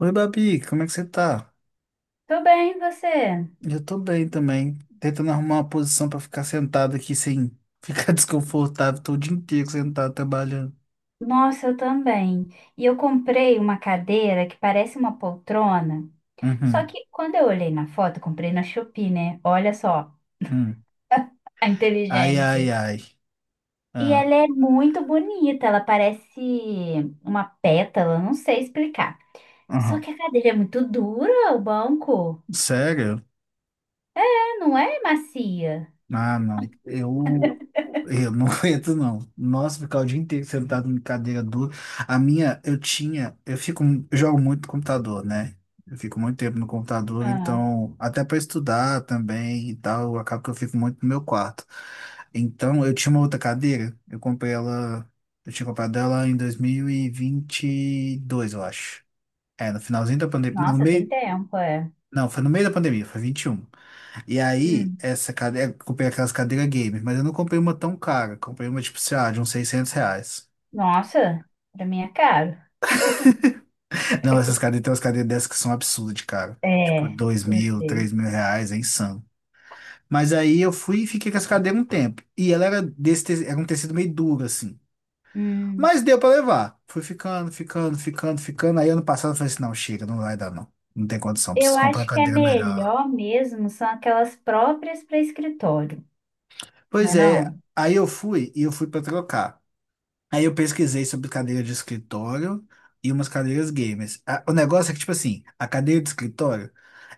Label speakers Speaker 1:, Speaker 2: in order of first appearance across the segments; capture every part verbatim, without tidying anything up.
Speaker 1: Oi, Babi, como é que você tá?
Speaker 2: Tô bem, e você?
Speaker 1: Eu tô bem também. Tentando arrumar uma posição pra ficar sentado aqui sem ficar desconfortável. Tô o dia inteiro sentado trabalhando.
Speaker 2: Nossa, eu também. E eu comprei uma cadeira que parece uma poltrona. Só
Speaker 1: Uhum,
Speaker 2: que quando eu olhei na foto, comprei na Shopee, né? Olha só
Speaker 1: uhum.
Speaker 2: a
Speaker 1: Ai, ai,
Speaker 2: inteligência.
Speaker 1: ai.
Speaker 2: E ela
Speaker 1: Ah,
Speaker 2: é muito bonita, ela parece uma pétala, não sei explicar. Só
Speaker 1: uhum.
Speaker 2: que a cadeira é muito dura, o banco.
Speaker 1: Sério?
Speaker 2: É, não é macia.
Speaker 1: Ah, não. Eu, eu não aguento, não. Nossa, ficar o dia inteiro sentado em cadeira dura. A minha, eu tinha, eu fico, eu jogo muito no computador, né? Eu fico muito tempo no computador,
Speaker 2: Ah,
Speaker 1: então, até para estudar também e tal, acaba que eu fico muito no meu quarto. Então, eu tinha uma outra cadeira, eu comprei ela, eu tinha comprado ela em dois mil e e vinte e dois eu acho. É, no finalzinho da pandemia, no
Speaker 2: nossa, tem
Speaker 1: meio,
Speaker 2: tempo, é.
Speaker 1: não, foi no meio da pandemia, foi vinte e um e aí,
Speaker 2: Hum.
Speaker 1: essa cadeira, eu comprei aquelas cadeiras gamer, mas eu não comprei uma tão cara. Comprei uma, tipo, sei lá, de uns seiscentos reais.
Speaker 2: Nossa, pra mim é caro.
Speaker 1: Não, essas cadeiras, tem umas cadeiras dessas que são absurdas, de cara. Tipo,
Speaker 2: É,
Speaker 1: dois
Speaker 2: eu
Speaker 1: mil,
Speaker 2: sei.
Speaker 1: três mil reais, é insano. Mas aí eu fui e fiquei com essa cadeira um tempo. E ela era desse, te- era um tecido meio duro, assim.
Speaker 2: Hum.
Speaker 1: Mas deu pra levar. Fui ficando, ficando, ficando, ficando. Aí ano passado eu falei assim, não, chega, não vai dar não. Não tem condição,
Speaker 2: Eu
Speaker 1: preciso comprar uma
Speaker 2: acho que é
Speaker 1: cadeira melhor.
Speaker 2: melhor mesmo, são aquelas próprias para escritório,
Speaker 1: Pois
Speaker 2: né
Speaker 1: é,
Speaker 2: não?
Speaker 1: aí eu fui e eu fui pra trocar. Aí eu pesquisei sobre cadeira de escritório e umas cadeiras gamers. A- o negócio é que, tipo assim, a cadeira de escritório,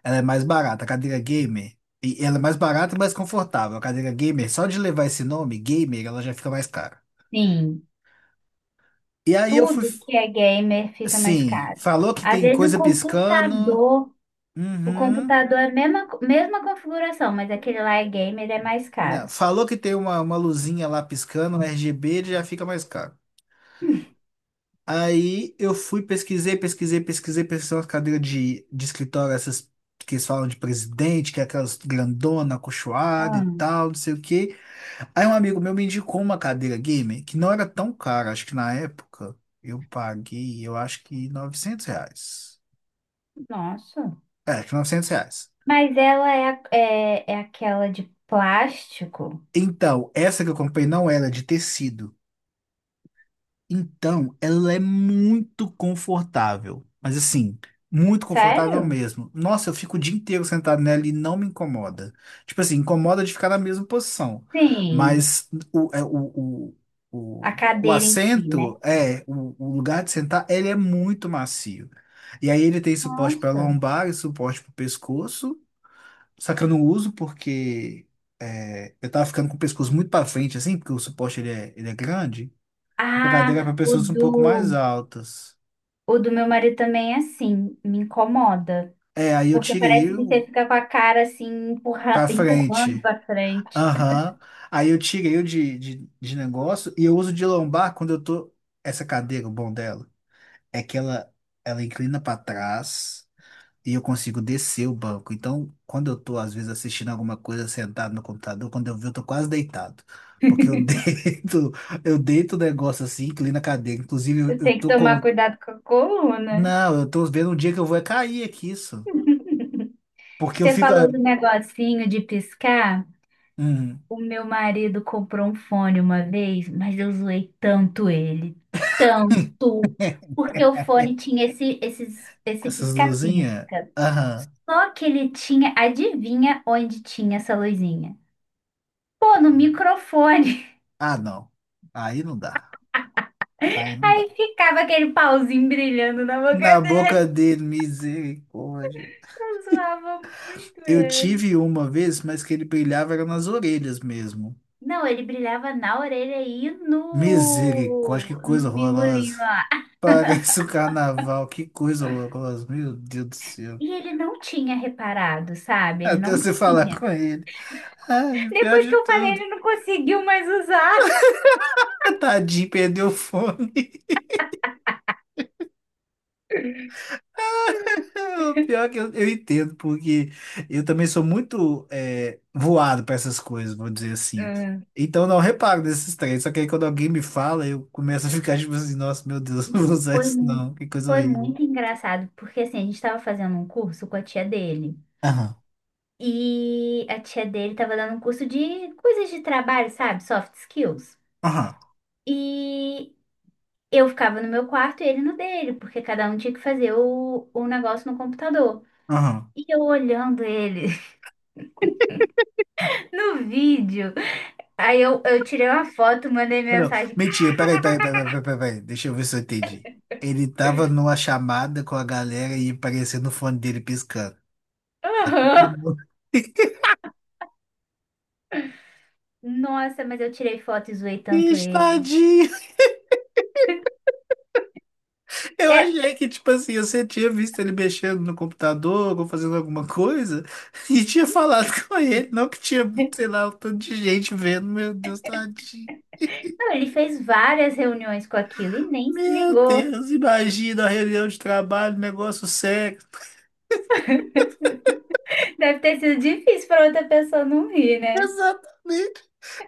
Speaker 1: ela é mais barata. A cadeira gamer, e ela é mais barata e mais confortável. A cadeira gamer, só de levar esse nome, gamer, ela já fica mais cara.
Speaker 2: Sim,
Speaker 1: E aí eu fui,
Speaker 2: tudo que é gamer fica mais
Speaker 1: sim,
Speaker 2: caro.
Speaker 1: falou que
Speaker 2: Às
Speaker 1: tem
Speaker 2: vezes o
Speaker 1: coisa piscando.
Speaker 2: computador, o
Speaker 1: Uhum.
Speaker 2: computador é a mesma, co- mesma configuração, mas aquele lá é gamer, é mais
Speaker 1: Não,
Speaker 2: caro.
Speaker 1: falou que tem uma, uma luzinha lá piscando, um R G B, ele já fica mais caro. Aí eu fui, pesquisei, pesquisei, pesquisei, pesquisei umas cadeiras de, de escritório, essas que eles falam de presidente, que é aquelas grandona, acolchoada e
Speaker 2: Ah,
Speaker 1: tal, não sei o quê. Aí um amigo meu me indicou uma cadeira gamer que não era tão cara, acho que na época eu paguei, eu acho que novecentos reais.
Speaker 2: nossa.
Speaker 1: É, acho que novecentos reais.
Speaker 2: Mas ela é, a- é, é aquela de plástico?
Speaker 1: Então, essa que eu comprei não era de tecido. Então, ela é muito confortável, mas assim, muito confortável
Speaker 2: Sério?
Speaker 1: mesmo. Nossa, eu fico o dia inteiro sentado nela e não me incomoda. Tipo assim, incomoda de ficar na mesma posição,
Speaker 2: Sim,
Speaker 1: mas o, é, o, o,
Speaker 2: a
Speaker 1: o, o
Speaker 2: cadeira em si, né?
Speaker 1: assento, é, o, o lugar de sentar, ele é muito macio. E aí ele tem suporte para
Speaker 2: Nossa.
Speaker 1: lombar e suporte para o pescoço, só que eu não uso porque é, eu tava ficando com o pescoço muito para frente, assim, porque o suporte ele é, ele é grande. A cadeira é para
Speaker 2: Ah, o
Speaker 1: pessoas um pouco mais
Speaker 2: do
Speaker 1: altas.
Speaker 2: O do meu marido também é assim, me incomoda.
Speaker 1: É, aí eu
Speaker 2: Porque
Speaker 1: tirei
Speaker 2: parece que você
Speaker 1: o
Speaker 2: fica com a cara assim, empurra-
Speaker 1: para
Speaker 2: empurrando
Speaker 1: frente.
Speaker 2: pra frente.
Speaker 1: Aham. Aí eu tirei o de, de, de negócio e eu uso de lombar quando eu tô. Essa cadeira, o bom dela, é que ela, ela inclina para trás e eu consigo descer o banco. Então, quando eu tô, às vezes, assistindo alguma coisa sentado no computador, quando eu vi, eu tô quase deitado. Porque eu deito, eu deito o negócio assim, inclina a cadeira. Inclusive, eu
Speaker 2: Você
Speaker 1: eu
Speaker 2: tem que
Speaker 1: tô com.
Speaker 2: tomar cuidado com a coluna.
Speaker 1: Não, eu tô vendo um dia que eu vou é cair aqui, porque eu
Speaker 2: Você
Speaker 1: fico. Ah,
Speaker 2: falou do negocinho de piscar.
Speaker 1: hum,
Speaker 2: O meu marido comprou um fone uma vez, mas eu zoei tanto ele, tanto. Porque o fone tinha esse, esses, esse
Speaker 1: essas luzinhas.
Speaker 2: pisca-pisca.
Speaker 1: Aham.
Speaker 2: Só que ele tinha, adivinha onde tinha essa luzinha? Pô, no microfone.
Speaker 1: Ah, não. Aí não dá. Aí não dá.
Speaker 2: Aí ficava aquele pauzinho brilhando na
Speaker 1: Na
Speaker 2: boca
Speaker 1: boca
Speaker 2: dele.
Speaker 1: dele, misericórdia.
Speaker 2: Eu zoava muito
Speaker 1: Eu
Speaker 2: ele.
Speaker 1: tive uma vez, mas que ele brilhava era nas orelhas mesmo.
Speaker 2: Não, ele brilhava na orelha e
Speaker 1: Misericórdia, que
Speaker 2: no,
Speaker 1: coisa
Speaker 2: no
Speaker 1: horrorosa.
Speaker 2: bingolinho.
Speaker 1: Parece o carnaval, que coisa horrorosa. Meu Deus do céu.
Speaker 2: E ele não tinha reparado, sabe? Ele
Speaker 1: Até
Speaker 2: não
Speaker 1: você falar
Speaker 2: tinha.
Speaker 1: com ele. Ai, pior
Speaker 2: Depois que
Speaker 1: de
Speaker 2: eu falei,
Speaker 1: tudo.
Speaker 2: ele não conseguiu mais usar.
Speaker 1: Tadinho, perdeu o fone. O pior é que eu, eu entendo, porque eu também sou muito é, voado para essas coisas, vou dizer assim.
Speaker 2: Ah,
Speaker 1: Então não reparo nesses três, só que aí quando alguém me fala, eu começo a ficar tipo assim, nossa, meu Deus, não vou
Speaker 2: Não,
Speaker 1: usar
Speaker 2: foi,
Speaker 1: isso
Speaker 2: mu-
Speaker 1: não, que coisa
Speaker 2: foi
Speaker 1: horrível.
Speaker 2: muito engraçado, porque assim, a gente estava fazendo um curso com a tia dele.
Speaker 1: Aham,
Speaker 2: E a tia dele estava dando um curso de coisas de trabalho, sabe? Soft skills.
Speaker 1: aham,
Speaker 2: E eu ficava no meu quarto e ele no dele, porque cada um tinha que fazer o, o negócio no computador.
Speaker 1: aham.
Speaker 2: E eu olhando ele no vídeo. Aí eu, eu tirei uma foto, mandei
Speaker 1: Não,
Speaker 2: mensagem.
Speaker 1: mentira, peraí, peraí, peraí, peraí, peraí, peraí, deixa eu ver se eu entendi. Ele tava numa chamada com a galera e apareceu no fone dele piscando.
Speaker 2: "Aham." Nossa, mas eu tirei foto e zoei tanto
Speaker 1: Ixi,
Speaker 2: ele.
Speaker 1: tadinho! Eu
Speaker 2: É,
Speaker 1: achei que, tipo assim, você tinha visto ele mexendo no computador ou fazendo alguma coisa e tinha falado com ele, não que tinha, sei lá, um tanto de gente vendo. Meu Deus, tadinho.
Speaker 2: não, ele fez várias reuniões com aquilo e nem se
Speaker 1: Meu
Speaker 2: ligou.
Speaker 1: Deus, imagina a reunião de trabalho, negócio sério.
Speaker 2: Deve ter sido difícil para outra pessoa não rir, né?
Speaker 1: Exatamente.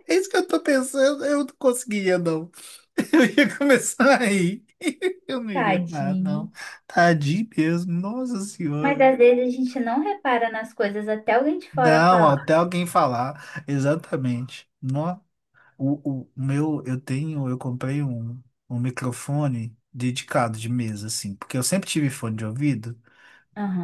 Speaker 1: É isso que eu tô pensando. Eu não conseguiria, não. Eu ia começar a rir. Eu não ia aguentar, não.
Speaker 2: Tadinho.
Speaker 1: Tadinho mesmo. Nossa
Speaker 2: Mas
Speaker 1: Senhora.
Speaker 2: às vezes a gente não repara nas coisas até alguém de fora
Speaker 1: Não,
Speaker 2: falar.
Speaker 1: até alguém falar. Exatamente. Nossa. O, o meu, eu tenho, eu comprei um, um microfone dedicado de mesa, assim, porque eu sempre tive fone de ouvido,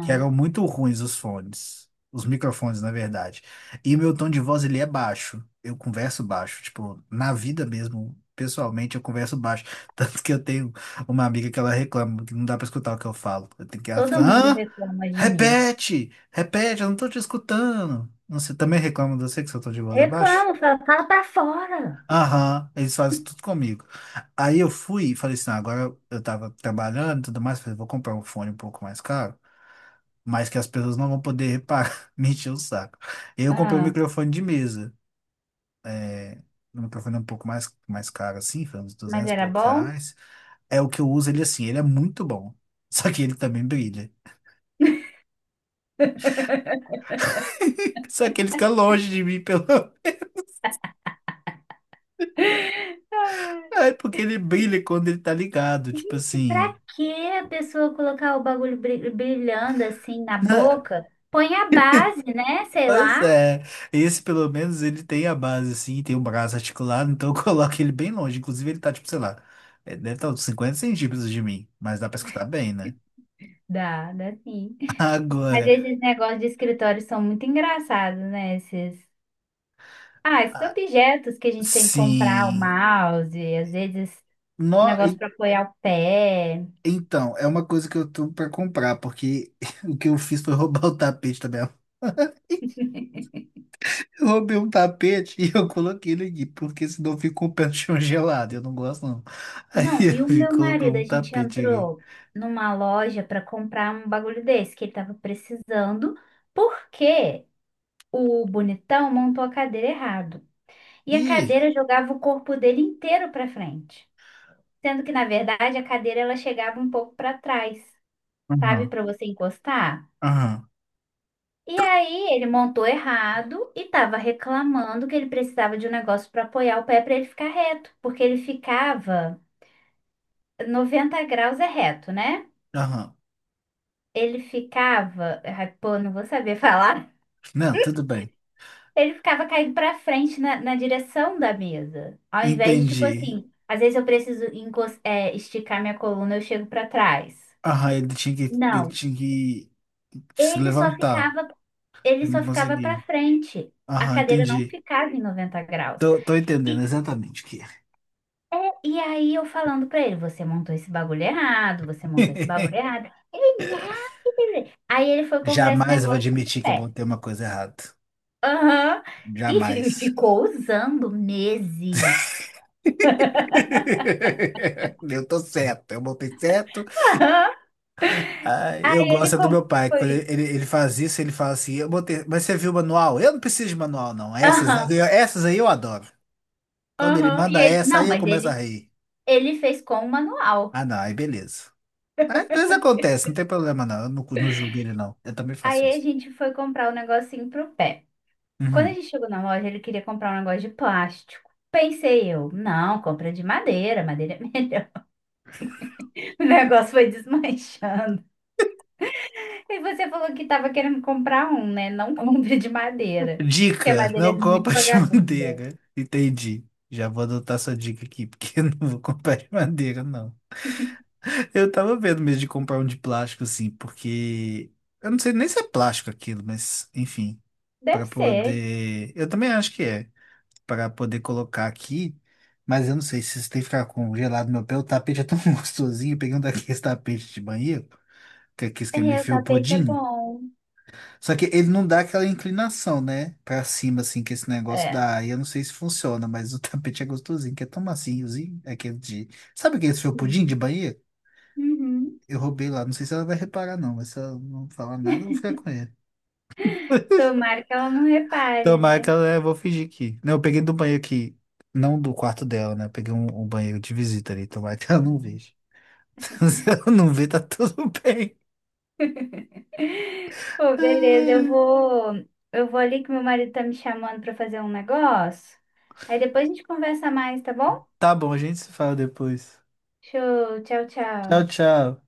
Speaker 1: que eram muito ruins os fones, os microfones, na verdade. E meu tom de voz, ele é baixo, eu converso baixo, tipo, na vida mesmo, pessoalmente, eu converso baixo. Tanto que eu tenho uma amiga que ela reclama que não dá pra escutar o que eu falo. Eu tenho que, ela fica,
Speaker 2: Todo mundo
Speaker 1: hã?
Speaker 2: reclama de mim.
Speaker 1: Repete, repete, eu não tô te escutando. Você também reclama de você que seu tom de voz é baixo?
Speaker 2: Reclamo, fala, fala pra fora.
Speaker 1: Aham, eles fazem tudo comigo. Aí eu fui e falei assim, "Ah, agora eu tava trabalhando e tudo mais, falei, vou comprar um fone um pouco mais caro, mas que as pessoas não vão poder reparar, me encher o saco. E aí eu comprei um
Speaker 2: Ah,
Speaker 1: microfone de mesa, é, um microfone um pouco mais, mais caro assim, foi uns
Speaker 2: mas
Speaker 1: duzentos e
Speaker 2: era
Speaker 1: poucos
Speaker 2: bom?
Speaker 1: reais. É o que eu uso ele assim, ele é muito bom, só que ele também brilha. Só que ele fica longe de mim pelo...
Speaker 2: Ah,
Speaker 1: É porque ele brilha quando ele tá ligado, tipo
Speaker 2: gente, pra
Speaker 1: assim...
Speaker 2: que a pessoa colocar o bagulho bri- brilhando assim na
Speaker 1: né?
Speaker 2: boca? Põe a base, né? Sei
Speaker 1: Pois
Speaker 2: lá.
Speaker 1: é, esse pelo menos ele tem a base assim, tem o braço articulado, então eu coloco ele bem longe. Inclusive ele tá tipo, sei lá, eh, deve estar uns cinquenta centímetros de mim, mas dá pra escutar bem, né?
Speaker 2: Dá, dá sim. Mas
Speaker 1: Agora,
Speaker 2: esses negócios de escritório são muito engraçados, né? Esses. Ah, esses
Speaker 1: ah,
Speaker 2: objetos que a gente tem que comprar, o
Speaker 1: sim,
Speaker 2: mouse, às vezes um
Speaker 1: no,
Speaker 2: negócio
Speaker 1: e-
Speaker 2: para apoiar o pé.
Speaker 1: então, é uma coisa que eu tô pra comprar, porque o que eu fiz foi roubar o tapete da minha Eu roubei um tapete e eu coloquei ele aqui, porque senão fica com o pé no chão gelado, eu não gosto não. Aí
Speaker 2: Não, e o
Speaker 1: eu
Speaker 2: meu
Speaker 1: colocou
Speaker 2: marido,
Speaker 1: um
Speaker 2: a gente
Speaker 1: tapete aqui.
Speaker 2: entrou numa loja para comprar um bagulho desse que ele tava precisando, porque o bonitão montou a cadeira errado. E a
Speaker 1: Ih,
Speaker 2: cadeira jogava o corpo dele inteiro para frente, sendo que na verdade a cadeira ela chegava um pouco para trás, sabe,
Speaker 1: aham,
Speaker 2: para você encostar.
Speaker 1: aham.
Speaker 2: E aí ele montou errado e tava reclamando que ele precisava de um negócio para apoiar o pé para ele ficar reto, porque ele ficava noventa graus é reto, né?
Speaker 1: Aham.
Speaker 2: Ele ficava, ai, pô, não vou saber falar.
Speaker 1: Não, tudo bem.
Speaker 2: Ele ficava caindo pra frente na, na direção da mesa. Ao invés de, tipo
Speaker 1: Entendi.
Speaker 2: assim, às vezes eu preciso encos- é, esticar minha coluna, eu chego pra trás.
Speaker 1: Aham, ele tinha que, ele
Speaker 2: Não,
Speaker 1: tinha que se
Speaker 2: ele só
Speaker 1: levantar.
Speaker 2: ficava, ele
Speaker 1: Ele
Speaker 2: só
Speaker 1: não
Speaker 2: ficava para
Speaker 1: conseguia.
Speaker 2: frente. A
Speaker 1: Aham,
Speaker 2: cadeira não
Speaker 1: entendi.
Speaker 2: ficava em noventa graus.
Speaker 1: Tô, tô entendendo
Speaker 2: E,
Speaker 1: exatamente o que é.
Speaker 2: e aí eu falando pra ele, você montou esse bagulho errado, você montou esse bagulho errado. Ele, não. Aí ele foi comprar esse
Speaker 1: Jamais eu vou
Speaker 2: negócio do
Speaker 1: admitir que eu
Speaker 2: pé.
Speaker 1: botei uma coisa errada.
Speaker 2: Aham. E fi-
Speaker 1: Jamais.
Speaker 2: ficou usando meses.
Speaker 1: Eu tô certo, eu botei certo.
Speaker 2: Aham.
Speaker 1: Ah, eu
Speaker 2: Ele
Speaker 1: gosto é do meu
Speaker 2: como
Speaker 1: pai. Quando
Speaker 2: foi?
Speaker 1: ele, ele ele faz isso, ele fala assim: eu botei, mas você viu o manual? Eu não preciso de manual, não. Essas,
Speaker 2: Aham.
Speaker 1: essas aí eu adoro. Quando ele
Speaker 2: Aham. E
Speaker 1: manda
Speaker 2: ele,
Speaker 1: essa,
Speaker 2: Não,
Speaker 1: aí eu
Speaker 2: mas
Speaker 1: começo a
Speaker 2: ele,
Speaker 1: rir.
Speaker 2: ele fez com o manual.
Speaker 1: Ah, não, aí beleza. É, às vezes acontece, não tem problema não. Eu não, não julgo ele não. Eu também faço
Speaker 2: Aí a
Speaker 1: isso.
Speaker 2: gente foi comprar um negocinho pro pé. Quando a
Speaker 1: Uhum.
Speaker 2: gente chegou na loja, ele queria comprar um negócio de plástico. Pensei eu, não, compra de madeira, madeira. O negócio foi desmanchando. E você falou que tava querendo comprar um, né? Não compre de madeira. Porque a
Speaker 1: Dica,
Speaker 2: madeira
Speaker 1: não
Speaker 2: é muito
Speaker 1: compra de
Speaker 2: vagabunda.
Speaker 1: manteiga. Entendi. Já vou adotar sua dica aqui, porque eu não vou comprar de manteiga, não. Eu tava vendo mesmo de comprar um de plástico, assim, porque eu não sei nem se é plástico aquilo, mas enfim,
Speaker 2: Deve
Speaker 1: para
Speaker 2: ser.
Speaker 1: poder. Eu também acho que é, para poder colocar aqui, mas eu não sei se isso tem que ficar congelado no meu pé. O tapete é tão gostosinho. Eu peguei um daqueles tapetes de banheiro, que é aquele que é meio
Speaker 2: É, o tapete é
Speaker 1: felpudinho.
Speaker 2: bom.
Speaker 1: Só que ele não dá aquela inclinação, né? Pra cima, assim, que esse negócio
Speaker 2: É.
Speaker 1: dá. E eu não sei se funciona, mas o tapete é gostosinho, que é tão maciozinho, aquele de... Sabe aquele seu pudim de
Speaker 2: Sim.
Speaker 1: Bahia?
Speaker 2: Uhum.
Speaker 1: Eu roubei lá, não sei se ela vai reparar não, mas se ela não falar nada, eu vou ficar com ele.
Speaker 2: Tomara que ela não repare,
Speaker 1: Tomara que
Speaker 2: né?
Speaker 1: ela, eu vou fingir que... Não, eu peguei do banheiro aqui, não do quarto dela, né? Eu peguei um, um banheiro de visita ali, tomara que ela não veja. Se ela não ver, tá tudo bem.
Speaker 2: Pô, beleza, eu vou, eu vou ali que meu marido tá me chamando pra fazer um negócio. Aí depois a gente conversa mais, tá bom?
Speaker 1: Tá bom, a gente se fala depois.
Speaker 2: Show, tchau,
Speaker 1: Tchau,
Speaker 2: tchau.
Speaker 1: tchau.